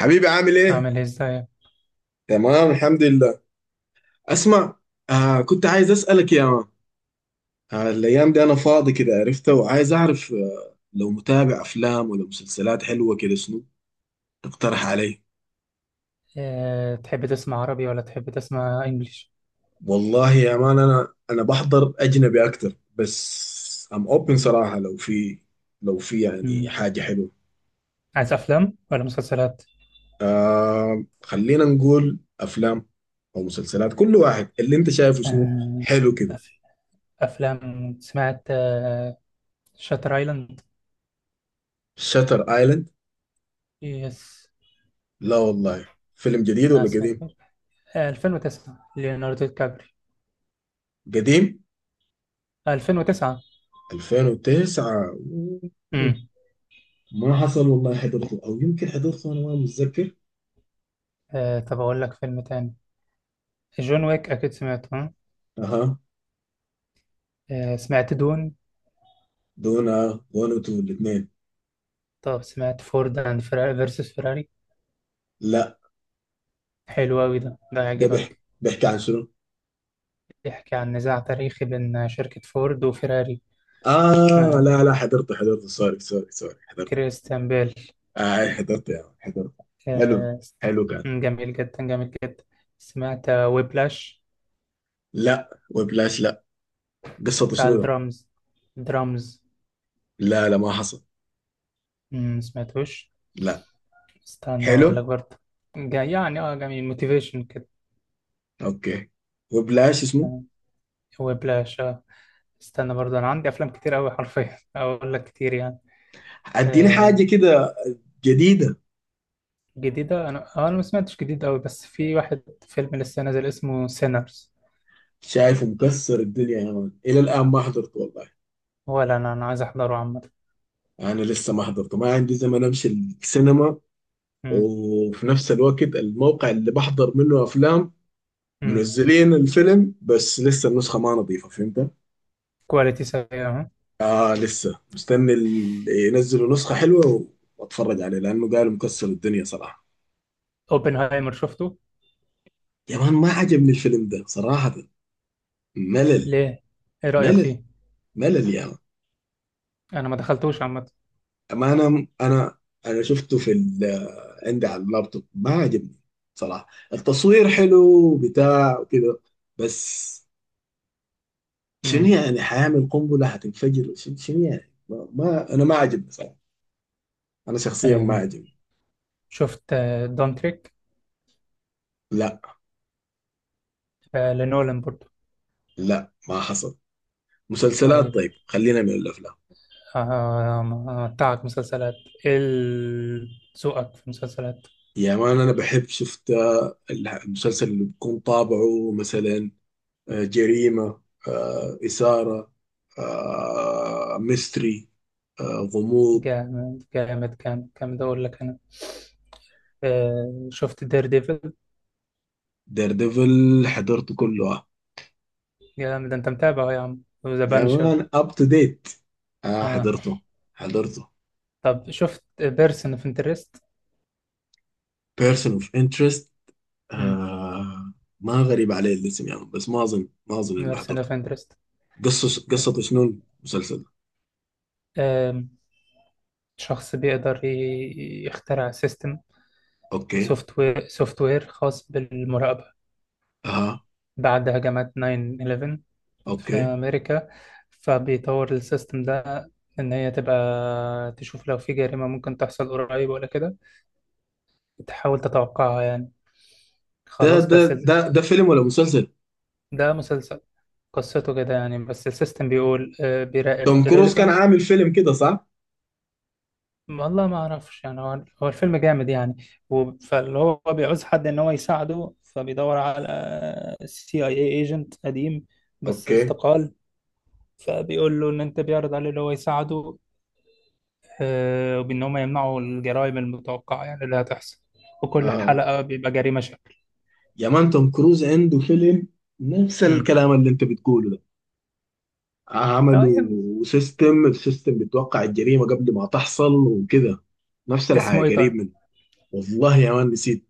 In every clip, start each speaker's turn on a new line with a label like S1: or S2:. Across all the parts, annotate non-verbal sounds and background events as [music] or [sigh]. S1: حبيبي عامل ايه؟
S2: أعمل إيه إزاي؟
S1: تمام الحمد لله. اسمع، كنت عايز اسألك يا مان. الايام دي انا فاضي كده، عرفت، وعايز اعرف لو متابع افلام ولا مسلسلات حلوة كده، شنو تقترح علي؟
S2: تحب تسمع عربي ولا تحب تسمع إنجليش؟
S1: والله يا مان انا بحضر اجنبي اكتر، بس اوبن صراحة. لو في، لو في يعني
S2: مم.
S1: حاجة حلوة.
S2: عايز أفلام ولا مسلسلات؟
S1: خلينا نقول افلام او مسلسلات، كل واحد اللي انت شايفه شنو.
S2: أه...
S1: حلو كده.
S2: أف... أفلام. سمعت شاتر أيلاند؟
S1: شاتر ايلاند؟
S2: يس.
S1: لا والله، فيلم جديد
S2: ما
S1: ولا قديم؟
S2: سمعتوش. 2009، ليوناردو دي كابري.
S1: قديم؟
S2: 2009.
S1: 2009؟
S2: مم.
S1: ما حصل والله، حضرته او يمكن حضرته، انا ما متذكر.
S2: طب أقول لك فيلم تاني. جون ويك أكيد سمعته، ها؟
S1: اها.
S2: سمعت دون.
S1: دونا 1 و 2 الاثنين.
S2: طب سمعت فورد أند فراري فيرسس فراري؟
S1: لا.
S2: حلو أوي ده
S1: ده بيحكي
S2: يعجبك.
S1: بيحكي عن شنو؟
S2: بيحكي عن نزاع تاريخي بين شركة فورد وفيراري.
S1: اه لا لا حضرته، حضرته، سوري سوري سوري، حضرته.
S2: كريستيان بيل.
S1: آه أي حضرته يا مان، حضرته. حلو.
S2: آه،
S1: حلو كان.
S2: جميل جدا، جميل جدا. سمعت ويبلاش؟
S1: لا وبلاش لا. قصته
S2: بتاع
S1: شنو ده؟
S2: الدرامز، درامز.
S1: لا لا ما حصل.
S2: سمعتوش.
S1: لا.
S2: استنى اقول
S1: حلو.
S2: لك برضه. يعني، جميل موتيفيشن كده.
S1: اوكي. وبلاش اسمه.
S2: ويبلاش استنى برضه، انا عندي افلام كتير قوي حرفيا [laughs] اقول لك كتير يعني.
S1: اديني حاجه
S2: آه
S1: كده جديده.
S2: جديده انا آه، انا ما سمعتش جديد قوي، بس في واحد فيلم لسه نازل اسمه سينرز.
S1: شايفه مكسر الدنيا يا مان، الى الان ما حضرته والله.
S2: ولا انا عايز احضره عامه.
S1: انا لسه ما حضرته، ما عندي زمن امشي السينما،
S2: امم.
S1: وفي نفس الوقت الموقع اللي بحضر منه افلام
S2: امم.
S1: منزلين الفيلم بس لسه النسخه ما نظيفه، فهمت.
S2: كواليتي سيئه.
S1: آه لسه مستني ينزلوا نسخه حلوه واتفرج عليه لانه قالوا مكسر الدنيا صراحه.
S2: اوبنهايمر شفته؟
S1: يا مان ما عجبني الفيلم ده صراحه، ملل.
S2: ليه؟ ايه رأيك
S1: ملل،
S2: فيه؟
S1: ملل يا مان.
S2: انا ما دخلتوش عامة.
S1: أما انا شفته في عندي على اللابتوب، ما عجبني صراحه. التصوير حلو بتاع وكذا، بس شنو
S2: امم.
S1: يعني، حيعمل قنبلة هتنفجر، شنو شنو يعني؟ ما أنا ما عجبني صراحة. أنا شخصيا ما
S2: آه،
S1: عجبني.
S2: شفت دونتريك؟
S1: لا
S2: لنولان برضو.
S1: لا ما حصل. مسلسلات
S2: طيب.
S1: طيب، خلينا من الأفلام.
S2: بتاعك مسلسلات، ايه ذوقك في مسلسلات؟
S1: يا مان أنا بحب شفت المسلسل اللي بيكون طابعه مثلا جريمة، إثارة، ميستري، آه، غموض.
S2: جامد جامد جامد جامد، اقول لك انا. شفت دير ديفل؟
S1: دير ديفل حضرته كله آه.
S2: جامد، انت متابع أهو يا عم، وذا
S1: يا
S2: بانشر.
S1: مان اب تو ديت. آه
S2: آه.
S1: حضرته، حضرته.
S2: طب شفت بيرسون اوف انترست؟
S1: بيرسون اوف انترست؟ آه ما غريب عليه الاسم يعني، بس ما اظن، ما اظن اني
S2: بيرسون
S1: حضرته.
S2: اوف انترست.
S1: قصة شنو المسلسل؟
S2: شخص بيقدر يخترع سيستم،
S1: اوكي.
S2: سوفت وير خاص بالمراقبة
S1: اها.
S2: بعد هجمات 9/11 في
S1: اوكي.
S2: أمريكا. فبيطور السيستم ده، إن هي تبقى تشوف لو في جريمة ممكن تحصل قريب ولا كده، تحاول تتوقعها يعني.
S1: ده
S2: خلاص،
S1: ده
S2: بس
S1: ده ده فيلم ولا مسلسل؟
S2: ده مسلسل. قصته كده يعني، بس السيستم بيقول بيراقب
S1: توم كروز كان
S2: ريليفنت.
S1: عامل فيلم كده صح؟
S2: والله ما أعرفش يعني، هو الفيلم جامد يعني. فاللي هو بيعوز حد إن هو يساعده، فبيدور على سي اي اي ايجنت قديم بس
S1: اوكي.
S2: استقال. فبيقول له ان انت، بيعرض عليه اللي هو يساعده، وبان هم يمنعوا الجرائم المتوقعه يعني اللي هتحصل. وكل
S1: آه
S2: حلقه بيبقى جريمه شكل.
S1: يا مان توم كروز عنده فيلم نفس
S2: امم.
S1: الكلام اللي انت بتقوله ده.
S2: يعني.
S1: عملوا سيستم، السيستم بتوقع الجريمة قبل ما تحصل وكده، نفس الحاجة
S2: اسمه ايه
S1: قريب
S2: طيب؟
S1: منه. والله يا مان نسيت،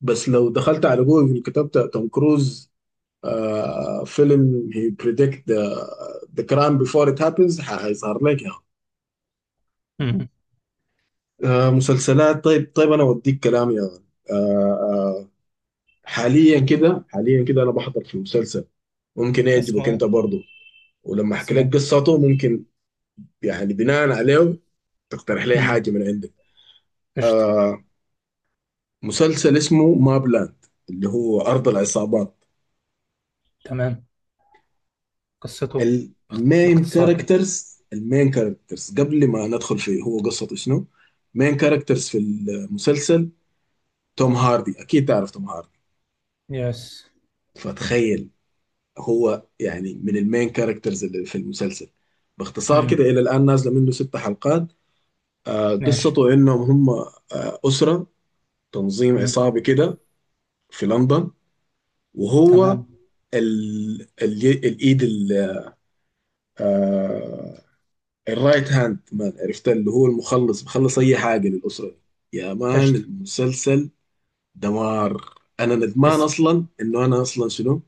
S1: بس لو دخلت على جوجل كتبت توم كروز آه فيلم هي بريدكت ذا كرايم بيفور ات هابنز، هيظهر لك. يا
S2: امم.
S1: آه مسلسلات طيب، طيب انا اوديك كلام يا مان. آه آه حاليا كده انا بحضر في مسلسل، ممكن يعجبك
S2: اسمه ايه؟
S1: انت برضه. ولما احكي لك
S2: اسمه.
S1: قصته ممكن يعني بناء عليه تقترح لي حاجه
S2: امم.
S1: من عندك.
S2: قشطه.
S1: آه مسلسل اسمه مابلاند، اللي هو ارض العصابات.
S2: تمام. قصته،
S1: المين
S2: باختصار كده.
S1: كاركترز المين كاركترز قبل ما ندخل في هو قصته شنو، مين كاركترز في المسلسل توم هاردي، اكيد تعرف توم هاردي.
S2: يس.
S1: فتخيل، هو يعني من المين كاركترز اللي في المسلسل. باختصار كده،
S2: امم.
S1: الى الان نازله منه 6 حلقات.
S2: ماشي.
S1: قصته انهم هم اسره، تنظيم
S2: امم.
S1: عصابي كده في لندن. وهو
S2: تمام.
S1: الايد آه، الرايت هاند مان، عرفت، اللي هو المخلص بخلص اي حاجه للاسره دي. يا مان
S2: قشطه.
S1: المسلسل دمار. انا ندمان
S2: اسم
S1: اصلا انه انا اصلا شنو،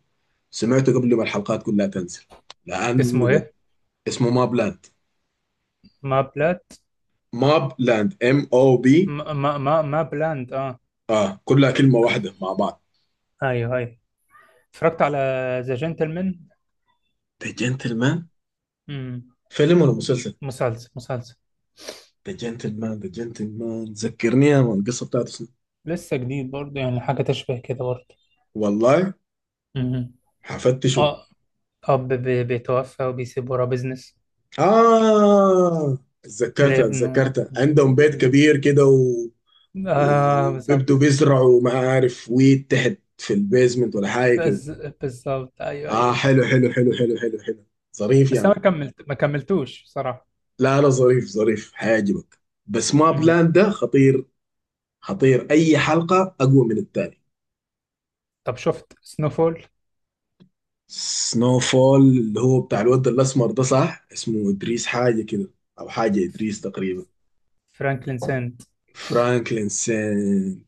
S1: سمعته قبل ما الحلقات كلها تنزل، لانه
S2: اسمه ايه؟
S1: اسمه ماب لاند.
S2: ما بلاد.
S1: ماب لاند، ام او بي.
S2: ما بلاند
S1: اه كلها كلمه واحده مع بعض.
S2: ايوه، ايوه. اتفرجت على ذا جنتلمان.
S1: ذا جنتلمان.
S2: امم.
S1: فيلم ولا مسلسل؟
S2: مسلسل، مسلسل.
S1: ذا جنتلمان ذكرني يا مان القصه بتاعته شنو.
S2: لسه جديد برضه، يعني حاجة تشبه كده برضه.
S1: والله
S2: مهم.
S1: حفتشه.
S2: اه. أب بيتوفى وبيسيب وراه بيزنس
S1: آه اتذكرتها
S2: لابنه.
S1: اتذكرتها عندهم بيت كبير كده
S2: آه بالظبط.
S1: وبيبدوا بيزرعوا ما عارف ويت تحت في البيزمنت ولا حاجة كده.
S2: بز- بالظبط، أيوه
S1: آه
S2: أيوه.
S1: حلو حلو حلو حلو حلو حلو، ظريف يا
S2: بس
S1: مان.
S2: أنا ما كملتوش بصراحة.
S1: لا لا ظريف، ظريف حيعجبك. بس ما
S2: مم.
S1: بلاند ده خطير، خطير أي حلقة أقوى من التاني.
S2: طب شفت سنوفول؟
S1: سنو فول اللي هو بتاع الواد الأسمر ده صح، اسمه إدريس حاجة كده، أو حاجة إدريس تقريبا.
S2: فرانكلين سنت.
S1: فرانكلين سين،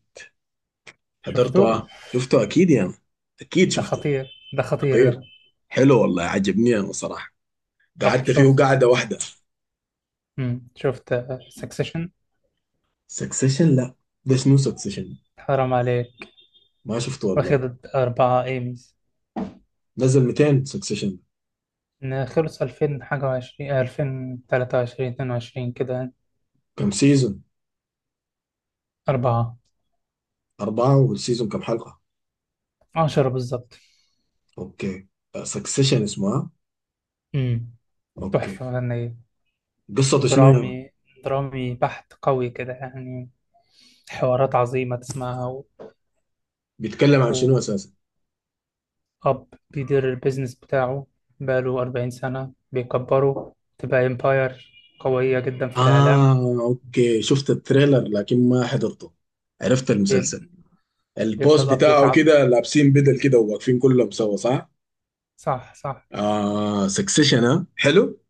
S1: حضرته
S2: شفته.
S1: اه شفته اكيد يا يعني. اكيد
S2: ده
S1: شفته.
S2: خطير، ده خطير ده.
S1: خطير. حلو والله عجبني انا صراحه،
S2: طب
S1: قعدت فيه
S2: شفت
S1: قعده واحده.
S2: مم. شفت سكسيشن؟
S1: سكسيشن؟ لا، ده شنو سكسيشن؟
S2: حرام عليك.
S1: ما شفته والله.
S2: واخد 4 إيميز.
S1: نزل 200 سكسيشن؟
S2: إن خلص ألفين حاجة وعشرين، 2023، 22 كده.
S1: كم سيزون؟
S2: أربعة.
S1: أربعة، والسيزون كم حلقة؟
S2: 10 بالظبط.
S1: أوكي. سكسيشن اسمها.
S2: امم.
S1: أوكي.
S2: تحفة فنية.
S1: قصته شنو يعني،
S2: درامي، درامي بحت قوي كده يعني. حوارات عظيمة تسمعها و...
S1: بيتكلم عن شنو أساسا؟
S2: وأب بيدير البيزنس بتاعه بقاله 40 سنة، بيكبره تبقى إمباير قوية جدا في الإعلام.
S1: آه أوكي، شفت التريلر لكن ما حضرته، عرفت
S2: بيب...
S1: المسلسل.
S2: بيبدأ
S1: البوست
S2: الأب
S1: بتاعه
S2: يتعب.
S1: كده لابسين بدل كده وواقفين كلهم سوا صح؟
S2: صح، صح.
S1: آه سكسيشن ها، حلو.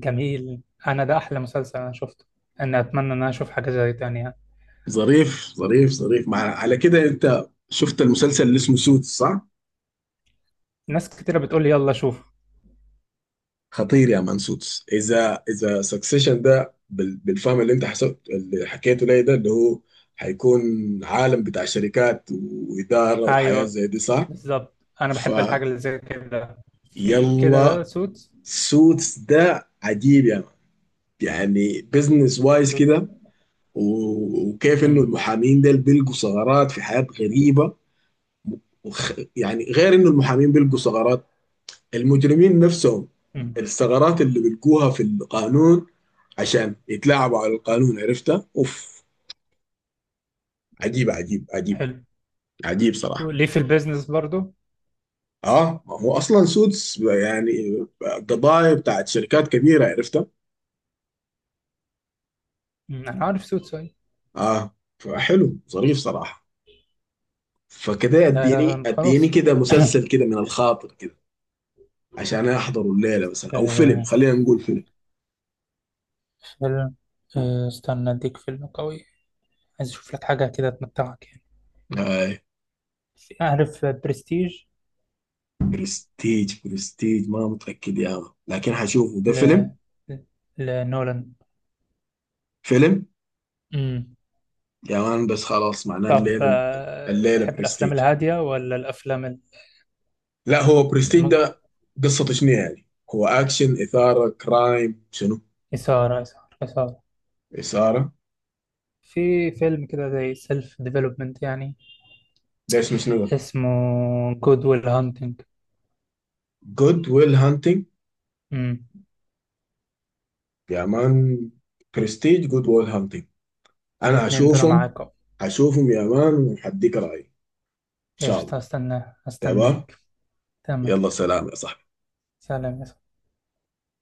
S2: جميل. أنا ده أحلى مسلسل أنا شفته. أنا أتمنى إن أنا أشوف حاجة زي تانية.
S1: ظريف ظريف ظريف. مع على كده انت شفت المسلسل اللي اسمه سوتس صح؟
S2: ناس كتيرة بتقول لي يلا شوف.
S1: خطير يا مان سوتس. اذا اذا سكسيشن ده بالفهم اللي انت حسبت اللي حكيته لي ده اللي هو هيكون عالم بتاع شركات واداره وحياه
S2: أيوه
S1: زي دي صح؟
S2: بالظبط، انا بحب الحاجه
S1: فيلا
S2: اللي زي كده. في كده، لا سوتس.
S1: سوتس ده عجيب يا مان، يعني بزنس وايز
S2: ب...
S1: كده، وكيف انه
S2: مم.
S1: المحامين دول بيلقوا ثغرات في حياه غريبه. يعني غير انه المحامين بيلقوا ثغرات، المجرمين نفسهم
S2: مم.
S1: الثغرات اللي بيلقوها في القانون عشان يتلاعبوا على القانون، عرفتها اوف. عجيب عجيب عجيب،
S2: حلو،
S1: عجيب صراحة.
S2: ليه في البيزنس برضو.
S1: اه ما هو اصلا سودس يعني قضايا بتاعت شركات كبيرة، عرفتها.
S2: مم. انا عارف سوتس أيوة.
S1: اه فحلو، ظريف صراحة. فكده
S2: لا
S1: اديني،
S2: لا،
S1: اديني
S2: خلاص.
S1: كده مسلسل كده من الخاطر كده عشان احضره الليلة
S2: [coughs]
S1: مثلا، او فيلم،
S2: آه،
S1: خلينا نقول فيلم.
S2: فيلم. استنى اديك فيلم قوي، عايز اشوف لك حاجه كده تمتعك يعني.
S1: آه
S2: اعرف برستيج.
S1: برستيج. برستيج ما متأكد يا مان لكن هشوفه. ده
S2: ل...
S1: فيلم؟
S2: ل- لنولان.
S1: فيلم
S2: مم.
S1: يا مان بس خلاص، معناه
S2: طب
S1: الليلة. الليلة
S2: تحب الافلام
S1: برستيج.
S2: الهاديه ولا الافلام
S1: لا هو برستيج
S2: ممكن-
S1: ده قصته شنو يعني، هو أكشن إثارة كرايم شنو؟
S2: اثاره، اثاره، اثاره.
S1: إثارة.
S2: في فيلم كده زي سيلف ديفلوبمنت يعني.
S1: ده اسمه شنو ده؟
S2: اسمه جود ويل هانتنج.
S1: جود ويل هانتنج.
S2: امم.
S1: يا مان برستيج، جود ويل هانتنج، أنا
S2: الاتنين دول
S1: هشوفهم.
S2: معاك اهو.
S1: هشوفهم يا مان وهديك رأيي إن شاء
S2: قشطة،
S1: الله.
S2: هستناه
S1: تمام.
S2: هستناك. تمام.
S1: يلا سلام يا صاحبي.
S2: سلام يا